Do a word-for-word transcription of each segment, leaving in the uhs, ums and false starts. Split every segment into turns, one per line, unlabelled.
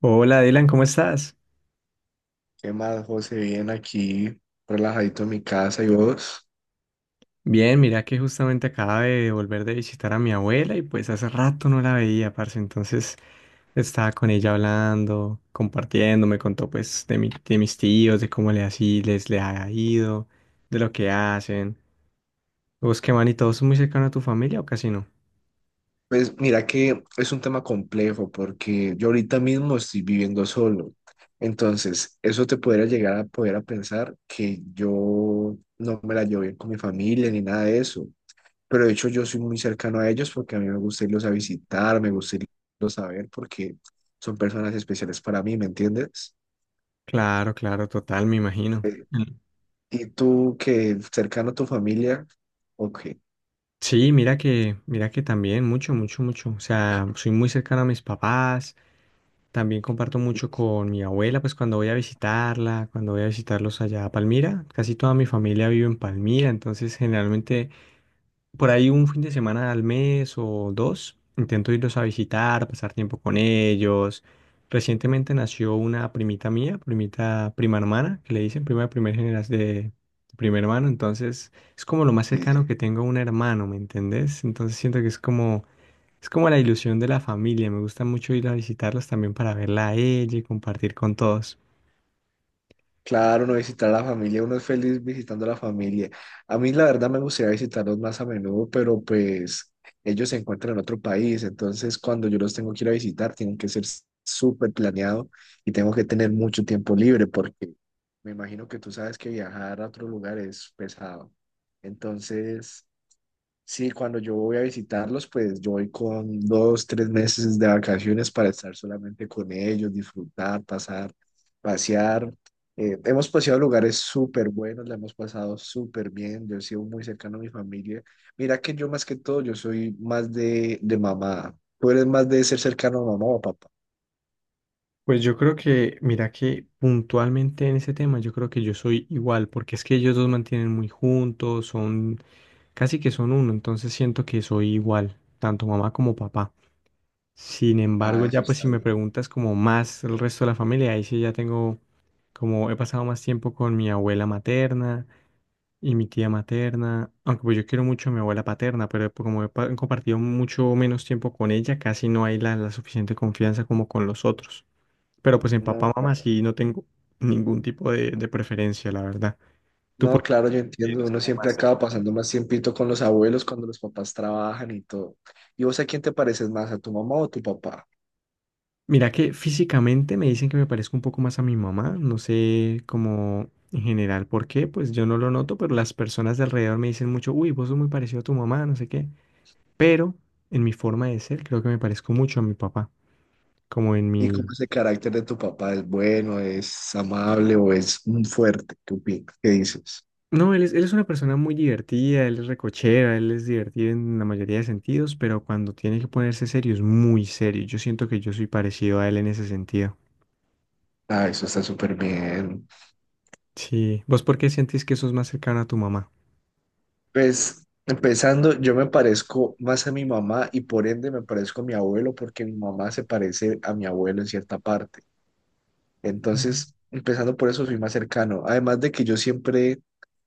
Hola Dylan, ¿cómo estás?
¿Qué más, José? Bien aquí, relajadito en mi casa. ¿Y vos?
Bien, mira que justamente acaba de volver de visitar a mi abuela y pues hace rato no la veía, parce. Entonces estaba con ella hablando, compartiendo, me contó pues de mi- de mis tíos, de cómo le así les le ha ido, de lo que hacen. ¿Vos qué man y todos son muy cercanos a tu familia o casi no?
Pues mira que es un tema complejo porque yo ahorita mismo estoy viviendo solo. Entonces, eso te podría llegar a poder a pensar que yo no me la llevo bien con mi familia ni nada de eso. Pero de hecho yo soy muy cercano a ellos porque a mí me gusta irlos a visitar, me gusta irlos a ver porque son personas especiales para mí, ¿me entiendes?
Claro, claro, total, me imagino.
Eh,
Mm.
¿Y tú que cercano a tu familia? Ok. Sí,
Sí, mira que, mira que también, mucho, mucho, mucho. O sea, soy muy cercano a mis papás. También comparto mucho con mi abuela, pues cuando voy a visitarla, cuando voy a visitarlos allá a Palmira, casi toda mi familia vive en Palmira, entonces generalmente por ahí un fin de semana al mes o dos, intento irlos a visitar, pasar tiempo con ellos. Recientemente nació una primita mía, primita prima hermana, que le dicen prima de primer generación de, de primer hermano, entonces es como lo más
sí.
cercano que tengo a un hermano, ¿me entendés? Entonces siento que es como es como la ilusión de la familia. Me gusta mucho ir a visitarlos también para verla a ella y compartir con todos.
Claro, uno visitar a la familia, uno es feliz visitando a la familia. A mí la verdad me gustaría visitarlos más a menudo, pero pues ellos se encuentran en otro país, entonces cuando yo los tengo que ir a visitar, tienen que ser s- súper planeado y tengo que tener mucho tiempo libre porque me imagino que tú sabes que viajar a otro lugar es pesado. Entonces, sí, cuando yo voy a visitarlos, pues yo voy con dos, tres meses de vacaciones para estar solamente con ellos, disfrutar, pasar, pasear. Eh, hemos paseado lugares súper buenos, la hemos pasado súper bien, yo he sido muy cercano a mi familia. Mira que yo más que todo, yo soy más de, de mamá. ¿Tú eres más de ser cercano a mamá o papá?
Pues yo creo que, mira que puntualmente en ese tema, yo creo que yo soy igual, porque es que ellos dos mantienen muy juntos, son casi que son uno, entonces siento que soy igual, tanto mamá como papá. Sin embargo,
Ah, eso
ya pues si
está
me
bien.
preguntas como más el resto de la familia, ahí sí ya tengo como he pasado más tiempo con mi abuela materna y mi tía materna, aunque pues yo quiero mucho a mi abuela paterna, pero como he pa- compartido mucho menos tiempo con ella, casi no hay la, la suficiente confianza como con los otros. Pero pues en
No,
papá, mamá sí no tengo ningún tipo de, de preferencia, la verdad. ¿Tú
no,
por qué
claro, yo entiendo.
eres
Uno
como
siempre
más
acaba
cercano?
pasando más tiempito con los abuelos cuando los papás trabajan y todo. ¿Y vos a quién te pareces más, a tu mamá o a tu papá?
Mira que físicamente me dicen que me parezco un poco más a mi mamá, no sé cómo en general por qué, pues yo no lo noto, pero las personas de alrededor me dicen mucho, uy, vos sos muy parecido a tu mamá, no sé qué, pero en mi forma de ser creo que me parezco mucho a mi papá, como en
¿Y cómo
mi...
es el carácter de tu papá? ¿Es bueno, es amable o es un fuerte? ¿Qué opinas? ¿Qué dices?
No, él es, él es una persona muy divertida, él es recochera, él es divertido en la mayoría de sentidos, pero cuando tiene que ponerse serio es muy serio, yo siento que yo soy parecido a él en ese sentido.
Ah, eso está súper bien.
Sí, ¿vos por qué sientes que sos más cercano a tu mamá?
Pues empezando, yo me parezco más a mi mamá y por ende me parezco a mi abuelo porque mi mamá se parece a mi abuelo en cierta parte. Entonces, empezando por eso, soy más cercano. Además de que yo siempre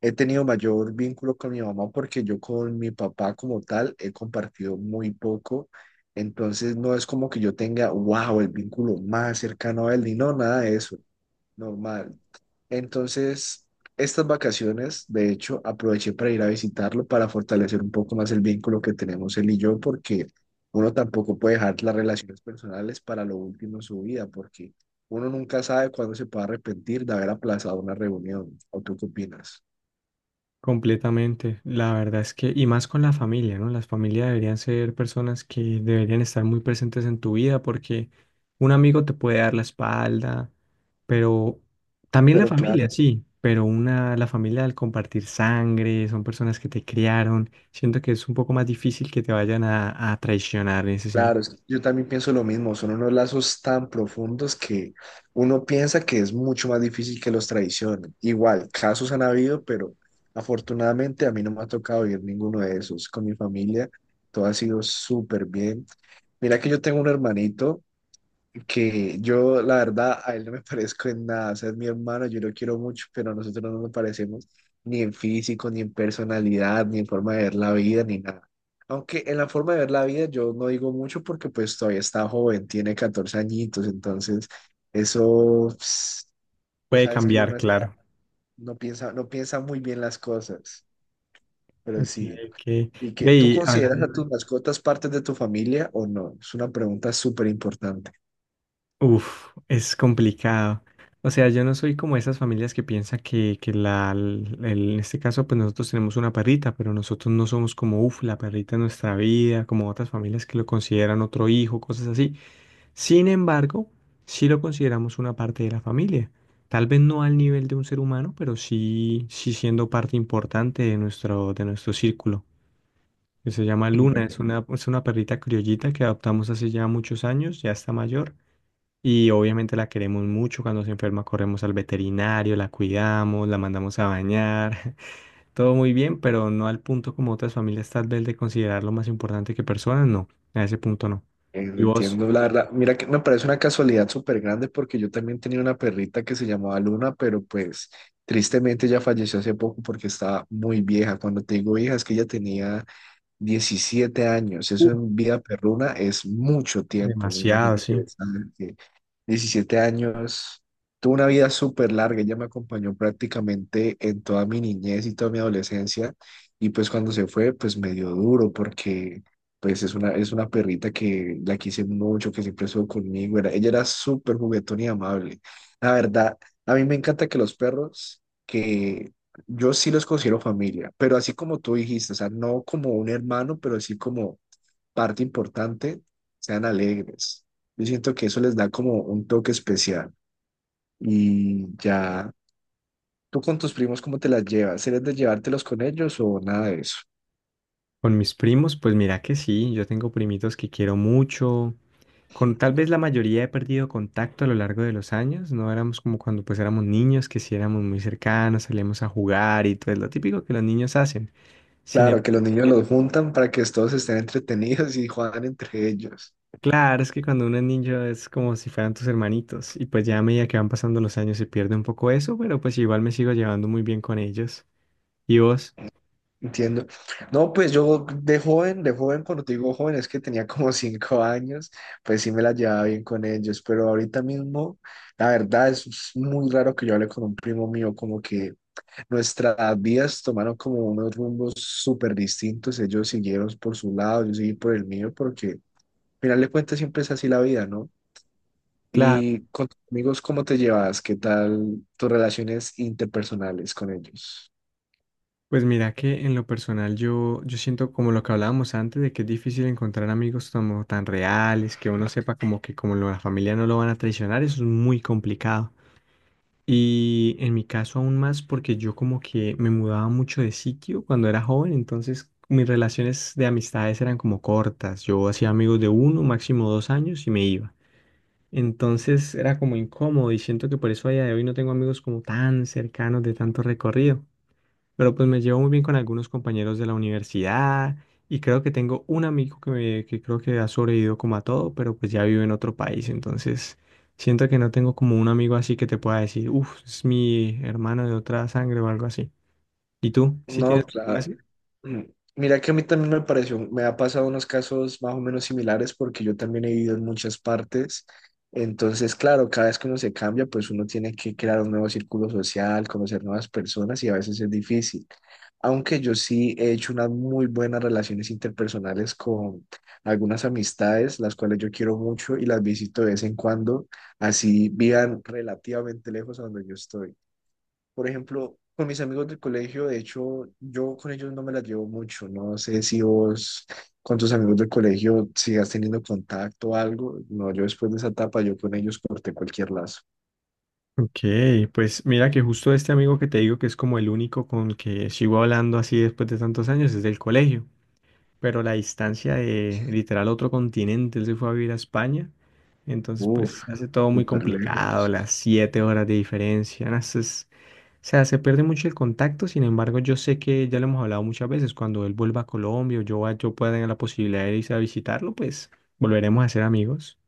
he tenido mayor vínculo con mi mamá porque yo con mi papá como tal he compartido muy poco. Entonces, no es como que yo tenga, wow, el vínculo más cercano a él, ni no, nada de eso. Normal. Entonces, estas vacaciones, de hecho, aproveché para ir a visitarlo para fortalecer un poco más el vínculo que tenemos él y yo, porque uno tampoco puede dejar las relaciones personales para lo último en su vida, porque uno nunca sabe cuándo se puede arrepentir de haber aplazado una reunión. ¿O tú qué opinas?
Completamente, la verdad es que, y más con la familia, ¿no? Las familias deberían ser personas que deberían estar muy presentes en tu vida porque un amigo te puede dar la espalda, pero también la
Pero
familia,
claro.
sí, pero una, la familia al compartir sangre, son personas que te criaron, siento que es un poco más difícil que te vayan a, a traicionar en ese sentido.
Claro, es que yo también pienso lo mismo, son unos lazos tan profundos que uno piensa que es mucho más difícil que los traicionen. Igual, casos han habido, pero afortunadamente a mí no me ha tocado vivir ninguno de esos. Con mi familia todo ha sido súper bien. Mira que yo tengo un hermanito que yo, la verdad, a él no me parezco en nada. O sea, es mi hermano, yo lo quiero mucho, pero nosotros no nos parecemos ni en físico, ni en personalidad, ni en forma de ver la vida, ni nada. Aunque en la forma de ver la vida yo no digo mucho porque pues todavía está joven, tiene catorce añitos, entonces eso, pues, vos
Puede
sabes que uno
cambiar,
está-
claro.
no piensa, no piensa muy bien las cosas, pero
Ok,
sí.
ok.
¿Y que
Ve,
tú
y
consideras
hablando.
a tus mascotas partes de tu familia o no? Es una pregunta súper importante.
Uf, es complicado. O sea, yo no soy como esas familias que piensan que, que la, el- en este caso, pues nosotros tenemos una perrita, pero nosotros no somos como, uf, la perrita en nuestra vida, como otras familias que lo consideran otro hijo, cosas así. Sin embargo, sí lo consideramos una parte de la familia. Tal vez no al nivel de un ser humano, pero sí, sí siendo parte importante de nuestro, de nuestro círculo que se llama Luna, es una, es una perrita criollita que adoptamos hace ya muchos años, ya está mayor. Y obviamente la queremos mucho. Cuando se enferma, corremos al veterinario, la cuidamos, la mandamos a bañar. Todo muy bien, pero no al punto como otras familias tal vez de considerarlo más importante que personas, no. A ese punto no.
Eh,
¿Y vos?
entiendo, la verdad. Mira que me parece una casualidad súper grande porque yo también tenía una perrita que se llamaba Luna, pero pues tristemente ella falleció hace poco porque estaba muy vieja. Cuando te digo vieja es que ella tenía diecisiete años. Eso
Uf,
en vida perruna es mucho tiempo, me
demasiado,
imagino que,
sí.
¿sabes? Diecisiete años. Tuve una vida súper larga, ella me acompañó prácticamente en toda mi niñez y toda mi adolescencia. Y pues cuando se fue, pues me dio duro porque pues es una, es una perrita que la quise mucho, que siempre estuvo conmigo. Era, ella era súper juguetona y amable. La verdad, a mí me encanta que los perros, que yo sí los considero familia, pero así como tú dijiste, o sea, no como un hermano, pero sí como parte importante, sean alegres. Yo siento que eso les da como un toque especial. Y ya, ¿tú con tus primos cómo te las llevas? ¿Eres de llevártelos con ellos o nada de eso?
Con mis primos, pues mira que sí, yo tengo primitos que quiero mucho. Con tal vez la mayoría he perdido contacto a lo largo de los años, no éramos como cuando pues éramos niños, que sí éramos muy cercanos, salíamos a jugar y todo es lo típico que los niños hacen. Sin em-
Claro, que los niños los juntan para que todos estén entretenidos y juegan entre ellos.
Claro, es que cuando uno es niño es como si fueran tus hermanitos y pues ya a medida que van pasando los años se pierde un poco eso, pero pues igual me sigo llevando muy bien con ellos. ¿Y vos?
Entiendo. No, pues yo de joven, de joven, cuando te digo joven, es que tenía como cinco años, pues sí me la llevaba bien con ellos, pero ahorita mismo, la verdad es muy raro que yo hable con un primo mío, como que nuestras vidas tomaron como unos rumbos súper distintos. Ellos siguieron por su lado, yo seguí por el mío, porque al final de cuentas siempre es así la vida, ¿no?
Claro.
Y con tus amigos, ¿cómo te llevas? ¿Qué tal tus relaciones interpersonales con ellos?
Pues mira que en lo personal yo, yo siento como lo que hablábamos antes de que es difícil encontrar amigos como tan reales, que uno sepa como que como la familia no lo van a traicionar, eso es muy complicado. Y en mi caso aún más porque yo como que me mudaba mucho de sitio cuando era joven, entonces mis relaciones de amistades eran como cortas. Yo hacía amigos de uno, máximo dos años y me iba. Entonces era como incómodo y siento que por eso a día de hoy no tengo amigos como tan cercanos de tanto recorrido. Pero pues me llevo muy bien con algunos compañeros de la universidad y creo que tengo un amigo que, me- que creo que ha sobrevivido como a todo, pero pues ya vive en otro país, entonces siento que no tengo como un amigo así que te pueda decir, uff, es mi hermano de otra sangre o algo así. ¿Y tú? ¿Sí
No,
tienes alguno
claro.
así?
Mm, Mira que a mí también me pareció, me ha pasado unos casos más o menos similares porque yo también he vivido en muchas partes. Entonces, claro, cada vez que uno se cambia, pues uno tiene que crear un nuevo círculo social, conocer nuevas personas y a veces es difícil. Aunque yo sí he hecho unas muy buenas relaciones interpersonales con algunas amistades, las cuales yo quiero mucho y las visito de vez en cuando, así vivan relativamente lejos a donde yo estoy. Por ejemplo, con mis amigos del colegio, de hecho, yo con ellos no me las llevo mucho. No sé si vos con tus amigos del colegio sigas teniendo contacto o algo. No, yo después de esa etapa, yo con ellos corté cualquier lazo.
Ok, pues mira que justo este amigo que te digo que es como el único con el que sigo hablando así después de tantos años es del colegio, pero la distancia de literal otro continente, él se fue a vivir a España, entonces
Uf,
pues hace todo muy
súper
complicado,
lejos.
las siete horas de diferencia, no, eso es- o sea, se pierde mucho el contacto, sin embargo yo sé que ya lo hemos hablado muchas veces, cuando él vuelva a Colombia o yo, va- yo pueda tener la posibilidad de irse a visitarlo, pues volveremos a ser amigos.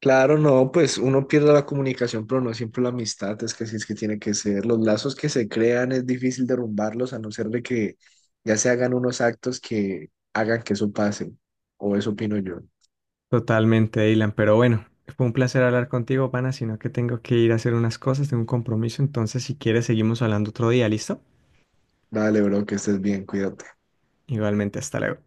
Claro, no, pues uno pierde la comunicación, pero no siempre la amistad, es que así es que tiene que ser. Los lazos que se crean es difícil derrumbarlos a no ser de que ya se hagan unos actos que hagan que eso pase, o eso opino yo.
Totalmente, Dylan, pero bueno, fue un placer hablar contigo, pana, sino que tengo que ir a hacer unas cosas, tengo un compromiso, entonces si quieres seguimos hablando otro día, ¿listo?
Dale, bro, que estés bien, cuídate.
Igualmente, hasta luego.